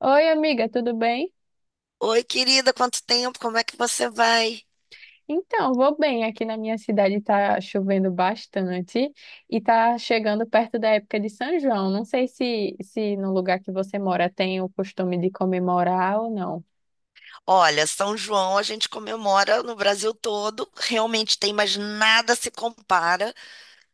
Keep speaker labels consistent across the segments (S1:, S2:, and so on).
S1: Oi, amiga, tudo bem?
S2: Oi, querida, quanto tempo? Como é que você vai?
S1: Então, vou bem. Aqui na minha cidade tá chovendo bastante e tá chegando perto da época de São João. Não sei se no lugar que você mora tem o costume de comemorar ou não.
S2: Olha, São João a gente comemora no Brasil todo, realmente tem, mas nada se compara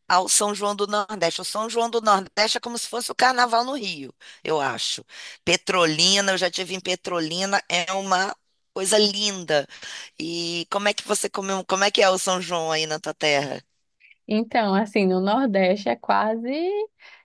S2: ao São João do Nordeste. O São João do Nordeste é como se fosse o carnaval no Rio, eu acho. Petrolina, eu já tive em Petrolina, é uma coisa linda. E como é que você como é que é o São João aí na tua terra?
S1: Então, assim, no Nordeste é quase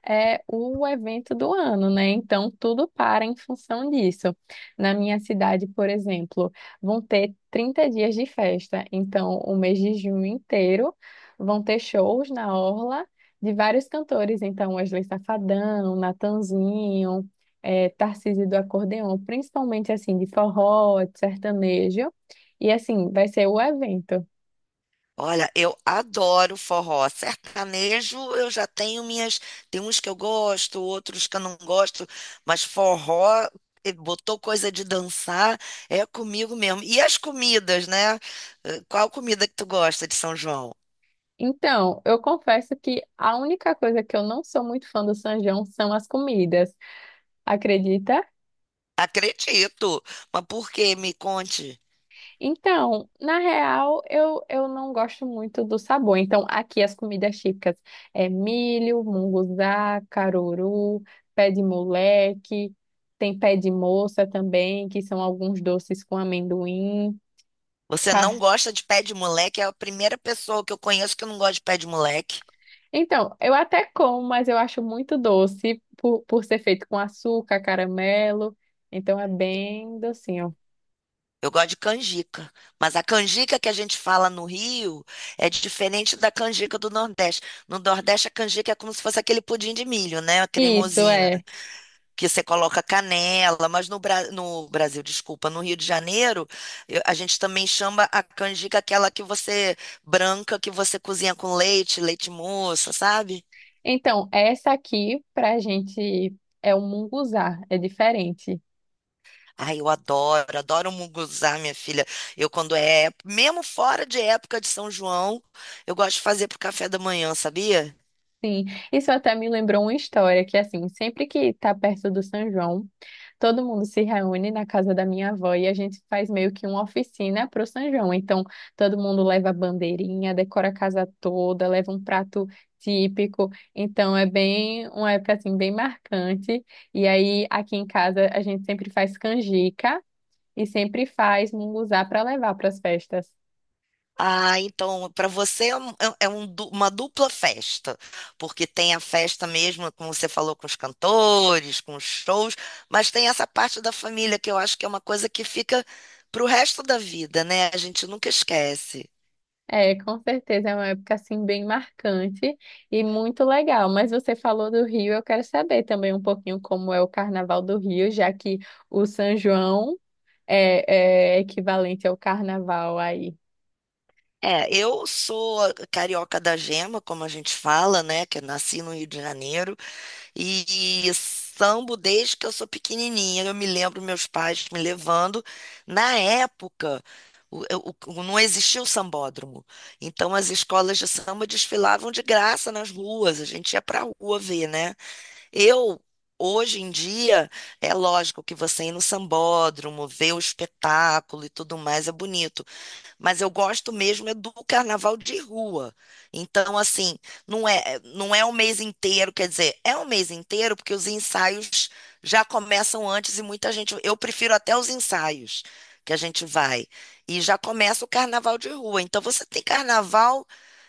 S1: é, o evento do ano, né? Então, tudo para em função disso. Na minha cidade, por exemplo, vão ter 30 dias de festa. Então, o mês de junho inteiro vão ter shows na orla de vários cantores. Então, Wesley Safadão, Natanzinho, Tarcísio do Acordeon, principalmente, assim, de forró, de sertanejo. E, assim, vai ser o evento.
S2: Olha, eu adoro forró. Sertanejo, eu já tenho minhas. Tem uns que eu gosto, outros que eu não gosto, mas forró, botou coisa de dançar, é comigo mesmo. E as comidas, né? Qual comida que tu gosta de São João?
S1: Então, eu confesso que a única coisa que eu não sou muito fã do São João são as comidas, acredita?
S2: Acredito. Mas por quê? Me conte.
S1: Então, na real, eu não gosto muito do sabor. Então, aqui as comidas típicas é milho, munguzá, caruru, pé de moleque, tem pé de moça também, que são alguns doces com amendoim.
S2: Você não
S1: Ca-
S2: gosta de pé de moleque? É a primeira pessoa que eu conheço que não gosta de pé de moleque.
S1: Então, eu até como, mas eu acho muito doce por ser feito com açúcar, caramelo. Então é bem docinho.
S2: Eu gosto de canjica. Mas a canjica que a gente fala no Rio é diferente da canjica do Nordeste. No Nordeste, a canjica é como se fosse aquele pudim de milho, né?
S1: Isso
S2: Cremosinho.
S1: é.
S2: Que você coloca canela. Mas no Brasil, desculpa, no Rio de Janeiro, a gente também chama a canjica aquela que você branca, que você cozinha com leite, leite moça, sabe?
S1: Então, essa aqui pra gente é um munguzá, é diferente.
S2: Ai, adoro munguzá, minha filha. Eu, mesmo fora de época de São João, eu gosto de fazer pro café da manhã, sabia?
S1: Sim, isso até me lembrou uma história que assim, sempre que tá perto do São João, todo mundo se reúne na casa da minha avó e a gente faz meio que uma oficina pro São João. Então, todo mundo leva a bandeirinha, decora a casa toda, leva um prato típico. Então, é bem uma época assim bem marcante. E aí aqui em casa a gente sempre faz canjica e sempre faz munguzá para levar para as festas.
S2: Ah, então, para você é, um- é- é um uma dupla festa, porque tem a festa mesmo, como você falou, com os cantores, com os shows, mas tem essa parte da família que eu acho que é uma coisa que fica pro resto da vida, né? A gente nunca esquece.
S1: É, com certeza é uma época assim bem marcante e muito legal. Mas você falou do Rio, eu quero saber também um pouquinho como é o Carnaval do Rio, já que o São João é equivalente ao Carnaval aí.
S2: É, eu sou carioca da gema, como a gente fala, né? Que eu nasci no Rio de Janeiro. E sambo desde que eu sou pequenininha. Eu me lembro meus pais me levando. Na época, não existia o sambódromo. Então, as escolas de samba desfilavam de graça nas ruas. A gente ia pra rua ver, né? Eu. Hoje em dia, é lógico que você ir no sambódromo, ver o espetáculo e tudo mais é bonito, mas eu gosto mesmo é do carnaval de rua. Então, assim, não é o mês inteiro, quer dizer, é o mês inteiro porque os ensaios já começam antes e muita gente, eu prefiro até os ensaios que a gente vai. E já começa o carnaval de rua. Então, você tem carnaval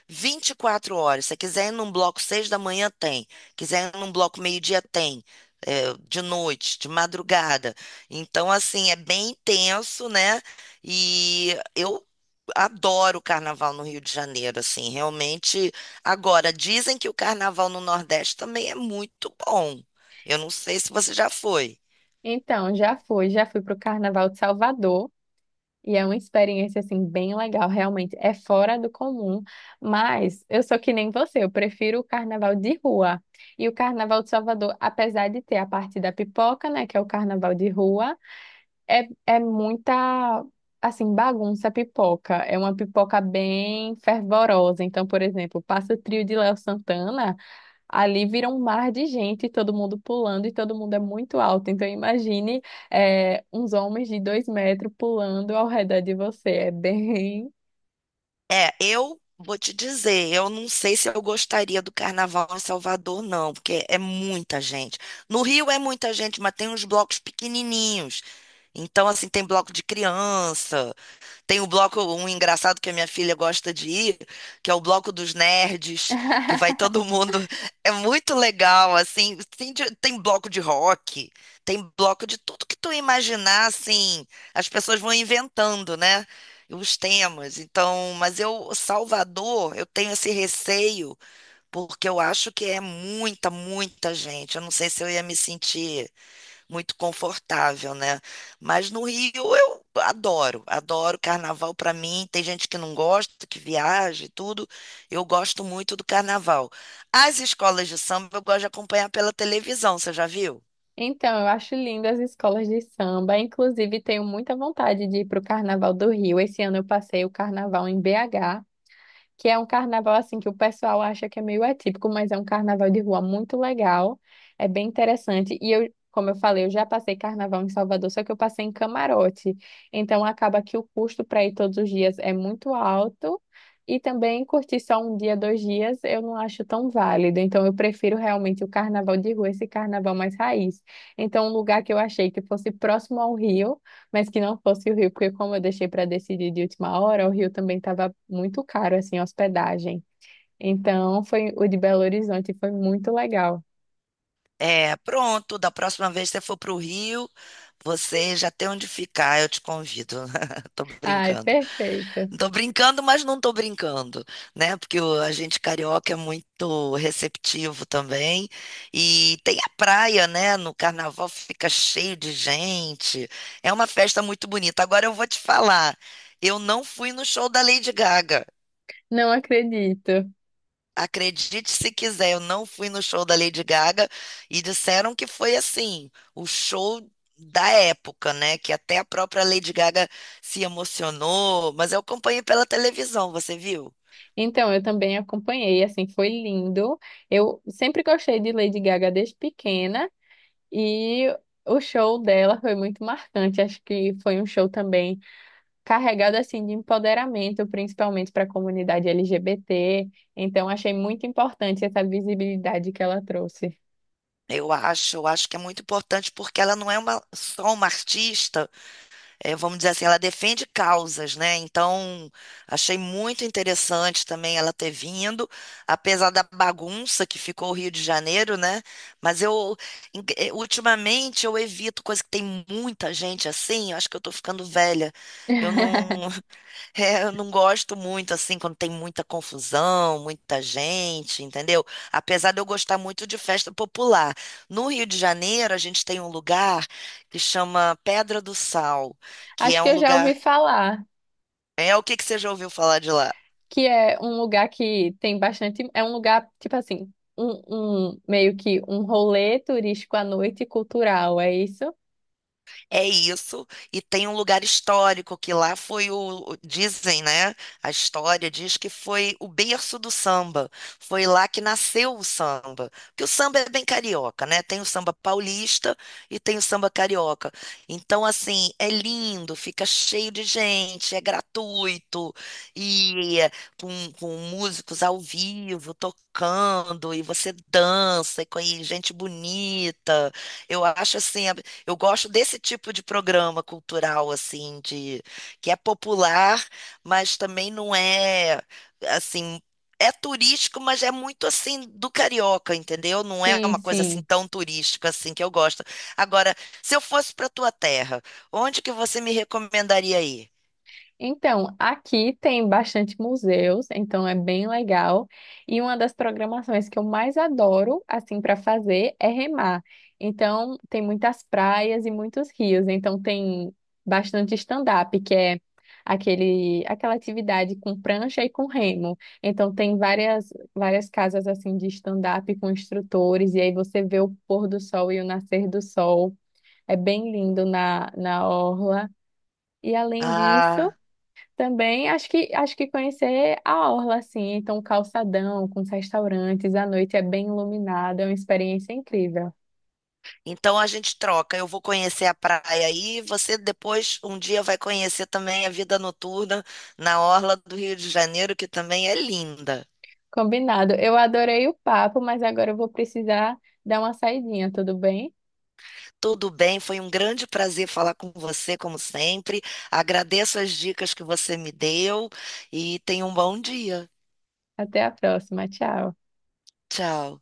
S2: 24 horas. Se quiser ir num bloco 6 da manhã, tem. Quiser ir num bloco meio-dia, tem. É, de noite, de madrugada. Então, assim, é bem intenso, né? E eu adoro o carnaval no Rio de Janeiro, assim, realmente. Agora, dizem que o carnaval no Nordeste também é muito bom. Eu não sei se você já foi.
S1: Então, já fui para o Carnaval de Salvador. E é uma experiência assim bem legal, realmente é fora do comum, mas eu sou que nem você, eu prefiro o carnaval de rua. E o carnaval de Salvador, apesar de ter a parte da pipoca, né, que é o carnaval de rua, é muita assim bagunça pipoca, é uma pipoca bem fervorosa. Então, por exemplo, passa o trio de Léo Santana. Ali vira um mar de gente, todo mundo pulando e todo mundo é muito alto. Então imagine, uns homens de 2 metros pulando ao redor de você. É bem.
S2: É, eu vou te dizer, eu não sei se eu gostaria do carnaval em Salvador, não, porque é muita gente. No Rio é muita gente, mas tem uns blocos pequenininhos. Então, assim, tem bloco de criança, tem o bloco, um engraçado que a minha filha gosta de ir, que é o bloco dos nerds, que vai todo mundo. É muito legal, assim. Tem bloco de rock, tem bloco de tudo que tu imaginar, assim. As pessoas vão inventando, né? Os temas. Então, mas eu, Salvador, eu tenho esse receio, porque eu acho que é muita gente. Eu não sei se eu ia me sentir muito confortável, né? Mas no Rio eu adoro carnaval para mim. Tem gente que não gosta, que viaja e tudo. Eu gosto muito do carnaval. As escolas de samba eu gosto de acompanhar pela televisão, você já viu?
S1: Então, eu acho lindo as escolas de samba. Inclusive, tenho muita vontade de ir para o Carnaval do Rio. Esse ano eu passei o Carnaval em BH, que é um carnaval assim que o pessoal acha que é meio atípico, mas é um carnaval de rua muito legal, é bem interessante. E eu, como eu falei, eu já passei carnaval em Salvador, só que eu passei em camarote. Então acaba que o custo para ir todos os dias é muito alto. E também curtir só um dia, dois dias, eu não acho tão válido. Então, eu prefiro realmente o carnaval de rua, esse carnaval mais raiz. Então, um lugar que eu achei que fosse próximo ao Rio, mas que não fosse o Rio, porque como eu deixei para decidir de última hora, o Rio também estava muito caro, assim, a hospedagem. Então, foi o de Belo Horizonte, foi muito legal.
S2: É, pronto, da próxima vez que você for para o Rio, você já tem onde ficar, eu te convido. Tô
S1: Ai,
S2: brincando.
S1: perfeito.
S2: Tô brincando, mas não tô brincando, né? Porque a gente carioca é muito receptivo também. E tem a praia, né? No carnaval fica cheio de gente. É uma festa muito bonita. Agora eu vou te falar, eu não fui no show da Lady Gaga.
S1: Não acredito.
S2: Acredite se quiser, eu não fui no show da Lady Gaga e disseram que foi assim, o show da época, né? Que até a própria Lady Gaga se emocionou, mas eu acompanhei pela televisão, você viu?
S1: Então, eu também acompanhei, assim, foi lindo. Eu sempre gostei de Lady Gaga desde pequena e o show dela foi muito marcante. Acho que foi um show também carregado assim de empoderamento, principalmente para a comunidade LGBT. Então, achei muito importante essa visibilidade que ela trouxe.
S2: Eu acho que é muito importante porque ela não é só uma artista, vamos dizer assim, ela defende causas, né? Então, achei muito interessante também ela ter vindo, apesar da bagunça que ficou o Rio de Janeiro, né? Mas eu, ultimamente, eu evito coisa que tem muita gente assim, eu acho que eu tô ficando velha. Eu não. É, eu não gosto muito assim quando tem muita confusão, muita gente, entendeu? Apesar de eu gostar muito de festa popular. No Rio de Janeiro, a gente tem um lugar que chama Pedra do Sal, que
S1: Acho
S2: é
S1: que
S2: um
S1: eu já ouvi
S2: lugar.
S1: falar
S2: É o que que você já ouviu falar de lá?
S1: que é um lugar que tem bastante, é um lugar tipo assim, um meio que um rolê turístico à noite cultural, é isso?
S2: É isso, e tem um lugar histórico que lá foi dizem, né? A história diz que foi o berço do samba. Foi lá que nasceu o samba. Porque o samba é bem carioca, né? Tem o samba paulista e tem o samba carioca. Então, assim, é lindo, fica cheio de gente, é gratuito e é com músicos ao vivo tocando e você dança e com e gente bonita. Eu acho assim eu gosto desse tipo de programa cultural, assim, de que é popular, mas também não é assim, é turístico, mas é muito assim do carioca, entendeu? Não é
S1: Sim,
S2: uma coisa assim
S1: sim.
S2: tão turística assim que eu gosto. Agora, se eu fosse para tua terra, onde que você me recomendaria ir?
S1: Então, aqui tem bastante museus, então é bem legal. E uma das programações que eu mais adoro, assim, para fazer é remar. Então, tem muitas praias e muitos rios. Então, tem bastante stand-up, que é aquela atividade com prancha e com remo. Então, tem várias casas, assim, de stand-up com instrutores. E aí você vê o pôr do sol e o nascer do sol. É bem lindo na orla. E além disso.
S2: Ah,
S1: Também acho que conhecer a orla assim, então o calçadão com os restaurantes, à noite é bem iluminado, é uma experiência incrível.
S2: então a gente troca. Eu vou conhecer a praia aí, você depois um dia vai conhecer também a vida noturna na orla do Rio de Janeiro, que também é linda.
S1: Combinado. Eu adorei o papo, mas agora eu vou precisar dar uma saidinha, tudo bem?
S2: Tudo bem, foi um grande prazer falar com você, como sempre. Agradeço as dicas que você me deu e tenha um bom dia.
S1: Até a próxima, tchau.
S2: Tchau.